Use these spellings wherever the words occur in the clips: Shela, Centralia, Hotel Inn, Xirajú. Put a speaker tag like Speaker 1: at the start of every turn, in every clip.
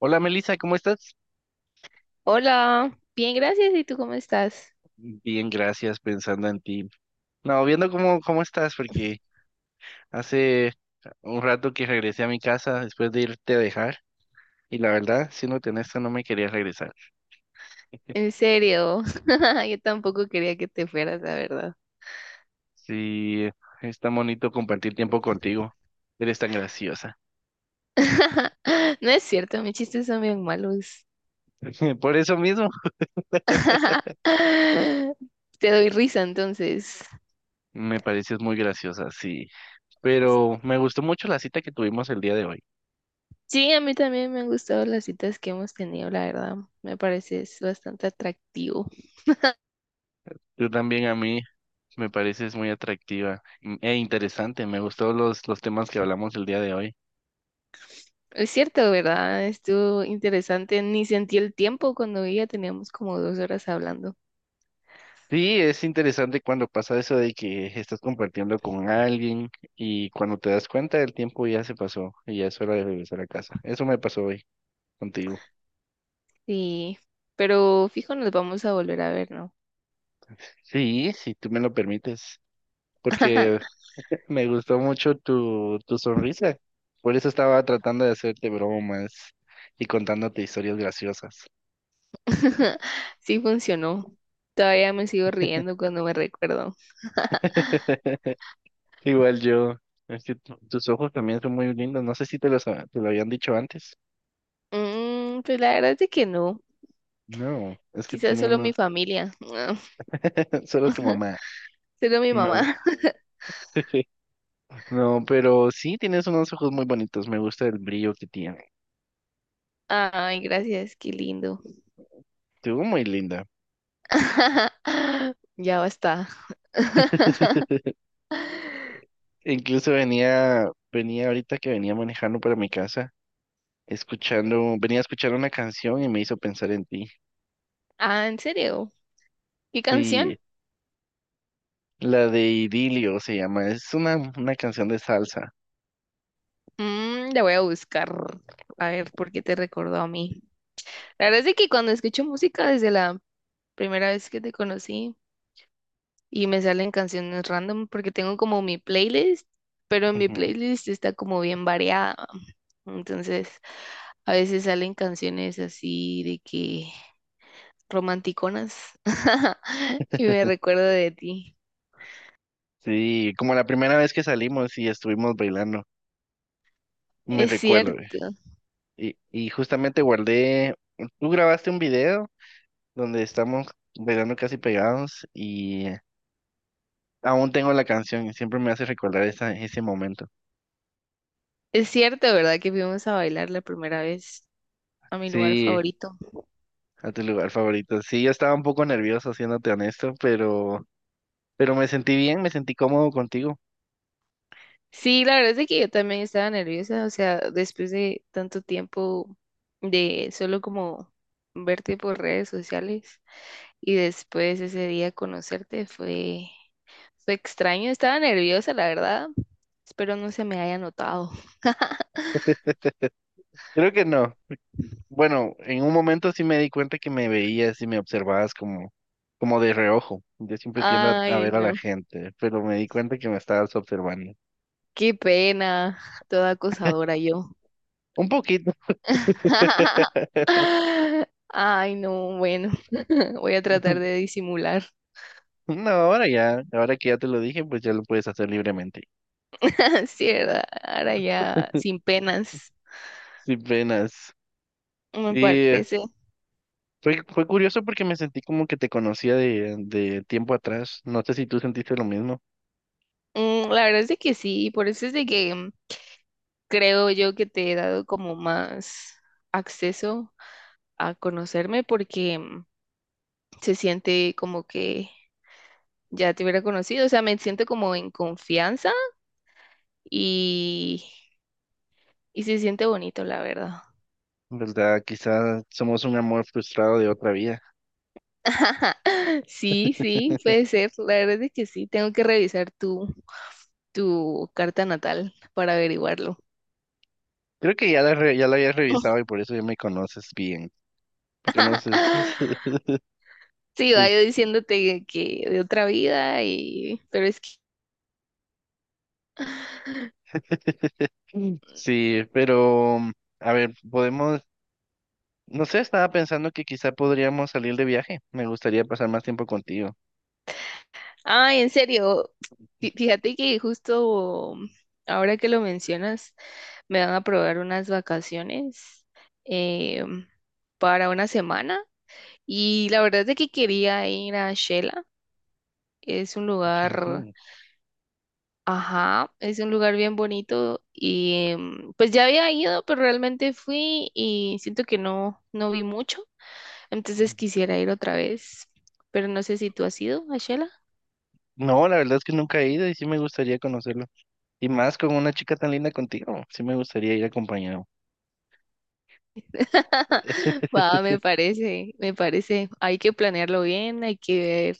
Speaker 1: Hola Melissa, ¿cómo estás?
Speaker 2: Hola, bien, gracias. ¿Y tú cómo estás?
Speaker 1: Bien, gracias, pensando en ti. No, viendo cómo estás, porque hace un rato que regresé a mi casa después de irte a dejar, y la verdad, siéndote honesto, no me quería regresar.
Speaker 2: En serio, yo tampoco quería que te fueras, la verdad.
Speaker 1: Sí, es tan bonito compartir tiempo contigo. Eres tan graciosa.
Speaker 2: No es cierto, mis chistes son bien malos.
Speaker 1: Por eso mismo,
Speaker 2: Te doy risa entonces.
Speaker 1: me pareces muy graciosa, sí. Pero me gustó mucho la cita que tuvimos el día de hoy.
Speaker 2: Sí, a mí también me han gustado las citas que hemos tenido, la verdad. Me parece es bastante atractivo.
Speaker 1: Tú también a mí me pareces muy atractiva e interesante. Me gustó los temas que hablamos el día de hoy.
Speaker 2: Es cierto, ¿verdad? Estuvo interesante. Ni sentí el tiempo cuando ya teníamos como 2 horas hablando.
Speaker 1: Sí, es interesante cuando pasa eso de que estás compartiendo con alguien y cuando te das cuenta el tiempo ya se pasó y ya es hora de regresar a casa. Eso me pasó hoy contigo.
Speaker 2: Sí, pero fijo, nos vamos a volver a ver, ¿no?
Speaker 1: Sí, si tú me lo permites, porque me gustó mucho tu sonrisa. Por eso estaba tratando de hacerte bromas y contándote historias graciosas.
Speaker 2: Sí funcionó. Todavía me sigo riendo cuando me recuerdo.
Speaker 1: Igual yo, es que tus ojos también son muy lindos. No sé si te los te lo habían dicho antes.
Speaker 2: Pues la verdad es que no.
Speaker 1: No, es que
Speaker 2: Quizás
Speaker 1: tiene
Speaker 2: solo
Speaker 1: uno,
Speaker 2: mi familia.
Speaker 1: solo tu mamá.
Speaker 2: Solo mi
Speaker 1: No.
Speaker 2: mamá.
Speaker 1: No, pero sí tienes unos ojos muy bonitos. Me gusta el brillo que tiene.
Speaker 2: Ay, gracias, qué lindo.
Speaker 1: Estuvo muy linda.
Speaker 2: Ya basta.
Speaker 1: Incluso venía ahorita que venía manejando para mi casa, escuchando, venía a escuchar una canción y me hizo pensar en ti.
Speaker 2: Ah, ¿en serio? ¿Qué canción?
Speaker 1: Sí, la de Idilio se llama. Es una canción de salsa.
Speaker 2: La voy a buscar. A ver, ¿por qué te recordó a mí? La verdad es que cuando escucho música desde la primera vez que te conocí, y me salen canciones random porque tengo como mi playlist, pero mi
Speaker 1: Ujú.
Speaker 2: playlist está como bien variada. Entonces, a veces salen canciones así de que romanticonas y me recuerdo de ti.
Speaker 1: Sí, como la primera vez que salimos y estuvimos bailando, me
Speaker 2: Es
Speaker 1: recuerdo.
Speaker 2: cierto,
Speaker 1: Y justamente guardé, tú grabaste un video donde estamos bailando casi pegados y aún tengo la canción y siempre me hace recordar ese momento.
Speaker 2: es cierto, ¿verdad? Que fuimos a bailar la primera vez a mi lugar
Speaker 1: Sí,
Speaker 2: favorito.
Speaker 1: a tu lugar favorito. Sí, yo estaba un poco nervioso, siéndote honesto, pero me sentí bien, me sentí cómodo contigo.
Speaker 2: Sí, la verdad es de que yo también estaba nerviosa, o sea, después de tanto tiempo de solo como verte por redes sociales y después ese día conocerte fue extraño, estaba nerviosa, la verdad. Espero no se me haya notado.
Speaker 1: Creo que no. Bueno, en un momento sí me di cuenta que me veías y me observabas como de reojo. Yo siempre tiendo a
Speaker 2: Ay,
Speaker 1: ver a la
Speaker 2: no,
Speaker 1: gente, pero me di cuenta que me estabas observando.
Speaker 2: qué pena, toda acosadora yo.
Speaker 1: Un poquito.
Speaker 2: Ay, no, bueno, voy a tratar de disimular.
Speaker 1: No, ahora que ya te lo dije, pues ya lo puedes hacer libremente,
Speaker 2: Sí, ¿verdad? Ahora ya sin penas.
Speaker 1: sin penas.
Speaker 2: Me
Speaker 1: Y
Speaker 2: parece.
Speaker 1: fue curioso porque me sentí como que te conocía de tiempo atrás. No sé si tú sentiste lo mismo,
Speaker 2: La verdad es de que sí, por eso es de que creo yo que te he dado como más acceso a conocerme porque se siente como que ya te hubiera conocido, o sea, me siento como en confianza y, y se siente bonito, la verdad.
Speaker 1: ¿verdad? Quizás somos un amor frustrado de otra vida.
Speaker 2: Sí, sí, puede ser, la verdad es que sí, tengo que revisar tu carta natal para averiguarlo.
Speaker 1: Creo que ya ya la habías revisado y por eso ya me conoces bien. Me conoces.
Speaker 2: Sí, va yo
Speaker 1: Es-
Speaker 2: diciéndote que de otra vida y pero es que
Speaker 1: Sí, pero a ver, podemos, no sé, estaba pensando que quizá podríamos salir de viaje. Me gustaría pasar más tiempo contigo.
Speaker 2: ay, en serio, fíjate que justo ahora que lo mencionas me van a aprobar unas vacaciones eh, para una semana y la verdad es de que quería ir a Shela, es un lugar,
Speaker 1: Xirajú.
Speaker 2: ajá, es un lugar bien bonito y pues ya había ido, pero realmente fui y siento que no vi mucho. Entonces quisiera ir otra vez, pero no sé si tú has ido a Shela.
Speaker 1: No, la verdad es que nunca he ido y sí me gustaría conocerlo. Y más con una chica tan linda contigo. Sí me gustaría ir acompañado.
Speaker 2: Va, me parece, me parece. Hay que planearlo bien, hay que ver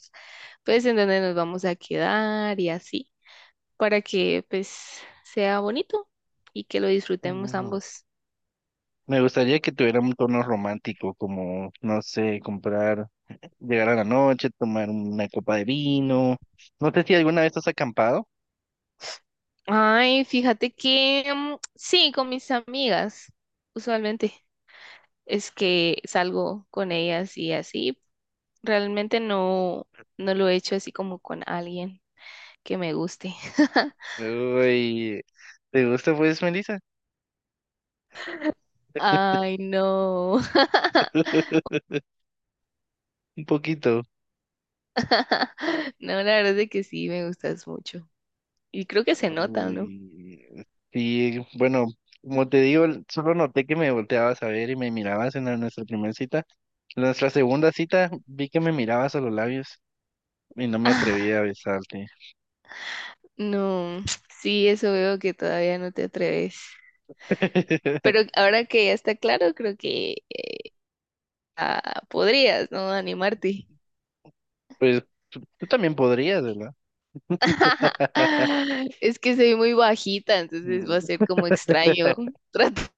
Speaker 2: pues en dónde nos vamos a quedar y así, para que pues sea bonito y que lo disfrutemos
Speaker 1: Mm.
Speaker 2: ambos.
Speaker 1: Me gustaría que tuviera un tono romántico, como, no sé, comprar, llegar a la noche, tomar una copa de vino. No sé si alguna vez has acampado.
Speaker 2: Ay, fíjate que sí, con mis amigas, usualmente es que salgo con ellas y así. Realmente no, no lo he hecho así como con alguien que me guste.
Speaker 1: Uy, ¿te gusta pues, Melissa?
Speaker 2: Ay, no.
Speaker 1: Un poquito.
Speaker 2: No, la verdad es de que sí, me gustas mucho. Y creo que se nota, ¿no?
Speaker 1: Uy, sí, bueno, como te digo, solo noté que me volteabas a ver y me mirabas en nuestra primera cita. En nuestra segunda cita vi que me mirabas a los labios y no me
Speaker 2: Ah,
Speaker 1: atreví a besarte.
Speaker 2: no, sí, eso veo que todavía no te atreves. Pero ahora que ya está claro, creo que podrías, ¿no? Animarte.
Speaker 1: Pues tú también podrías, ¿verdad?
Speaker 2: Es que soy muy bajita, entonces va a
Speaker 1: Mm,
Speaker 2: ser como extraño tratarte.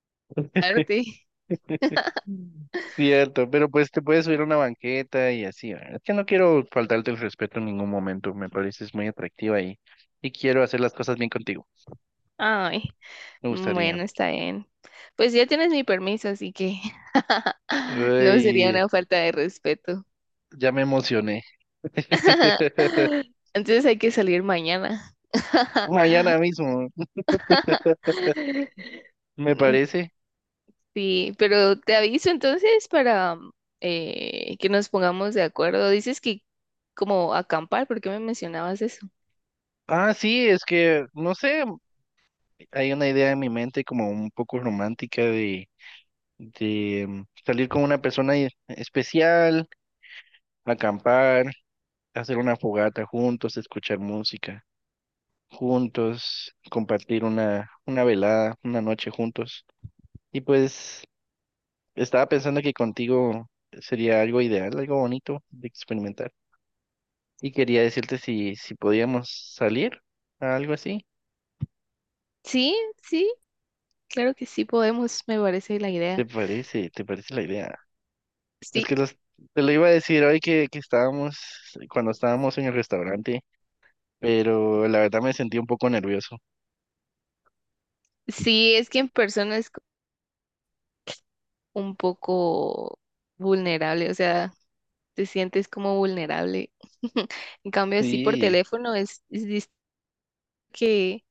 Speaker 1: Cierto, pero pues te puedes subir a una banqueta y así. ¿Verdad? Es que no quiero faltarte el respeto en ningún momento. Me pareces muy atractiva y quiero hacer las cosas bien contigo.
Speaker 2: Ay,
Speaker 1: Me gustaría.
Speaker 2: bueno, está bien. Pues ya tienes mi permiso, así que no sería
Speaker 1: Uy,
Speaker 2: una falta de respeto.
Speaker 1: ya me emocioné.
Speaker 2: Entonces hay que salir mañana.
Speaker 1: Mañana mismo, me
Speaker 2: Mm,
Speaker 1: parece.
Speaker 2: sí, pero te aviso entonces para que nos pongamos de acuerdo. Dices que como acampar, ¿por qué me mencionabas eso?
Speaker 1: Ah, sí, es que, no sé, hay una idea en mi mente como un poco romántica de salir con una persona especial, acampar, hacer una fogata juntos, escuchar música juntos, compartir una velada, una noche juntos. Y pues estaba pensando que contigo sería algo ideal, algo bonito de experimentar. Y quería decirte si podíamos salir a algo así.
Speaker 2: Sí, sí, claro que sí podemos, me parece la
Speaker 1: ¿Te
Speaker 2: idea.
Speaker 1: parece? ¿Te parece la idea? Es que
Speaker 2: Sí,
Speaker 1: los- te lo iba a decir hoy que estábamos, cuando estábamos en el restaurante, pero la verdad me sentí un poco nervioso.
Speaker 2: sí, es que en persona es un poco vulnerable, o sea, te sientes como vulnerable. En cambio, así por
Speaker 1: Sí,
Speaker 2: teléfono es. Dis- que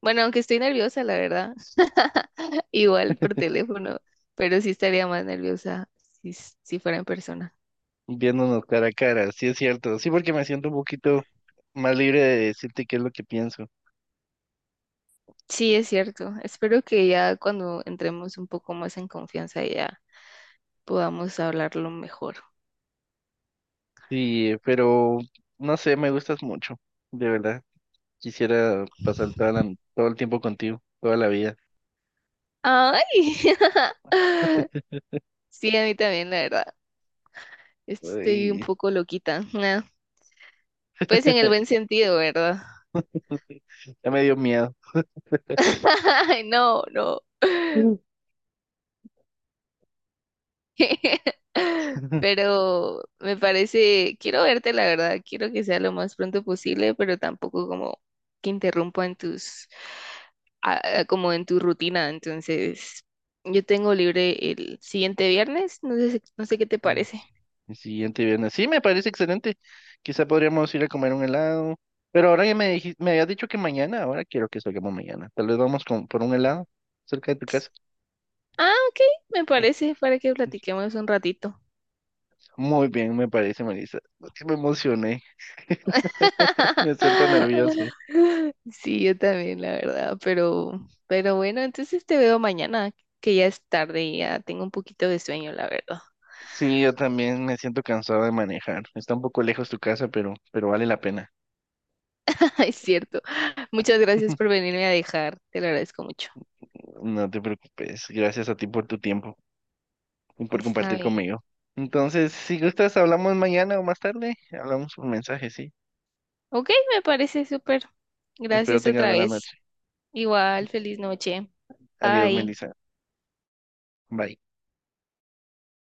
Speaker 2: Bueno, aunque estoy nerviosa, la verdad. Igual por teléfono, pero sí estaría más nerviosa si fuera en persona.
Speaker 1: viéndonos cara a cara, sí es cierto. Sí, porque me siento un poquito más libre de decirte qué es lo que pienso.
Speaker 2: Sí, es cierto. Espero que ya cuando entremos un poco más en confianza ya podamos hablarlo mejor.
Speaker 1: Sí, pero no sé, me gustas mucho, de verdad. Quisiera pasar todo el tiempo contigo, toda la vida.
Speaker 2: ¡Ay! Sí, a mí también, la verdad. Estoy un
Speaker 1: Ay,
Speaker 2: poco loquita. Nah, pues en el buen sentido, ¿verdad?
Speaker 1: ya me dio miedo.
Speaker 2: Ay, no, no.
Speaker 1: Mm. Ujú.
Speaker 2: Pero me parece, quiero verte, la verdad, quiero que sea lo más pronto posible, pero tampoco como que interrumpa en tus, como en tu rutina. Entonces, yo tengo libre el siguiente viernes, no sé, no sé qué te
Speaker 1: Mm,
Speaker 2: parece.
Speaker 1: El siguiente viernes. Sí, me parece excelente. Quizá podríamos ir a comer un helado. Pero ahora ya me habías dicho que mañana, ahora quiero que salgamos mañana. Tal vez por un helado cerca de tu casa.
Speaker 2: Ah, ok, me parece para que platiquemos un ratito.
Speaker 1: Muy bien, me parece, Melissa. Sí, me emocioné. Me siento nervioso.
Speaker 2: Sí, yo también, la verdad, pero bueno, entonces te veo mañana, que ya es tarde y ya tengo un poquito de sueño, la verdad.
Speaker 1: Sí, yo también me siento cansado de manejar. Está un poco lejos tu casa, pero vale la pena.
Speaker 2: Es cierto. Muchas gracias por venirme a dejar. Te lo agradezco mucho.
Speaker 1: No te preocupes. Gracias a ti por tu tiempo y por
Speaker 2: Está
Speaker 1: compartir
Speaker 2: bien.
Speaker 1: conmigo. Entonces, si gustas, hablamos mañana o más tarde. Hablamos por mensaje, sí.
Speaker 2: Ok, me parece súper.
Speaker 1: Espero
Speaker 2: Gracias
Speaker 1: tengas
Speaker 2: otra
Speaker 1: buena
Speaker 2: vez.
Speaker 1: noche.
Speaker 2: Igual, feliz noche.
Speaker 1: Adiós,
Speaker 2: Bye.
Speaker 1: Melissa. Bye.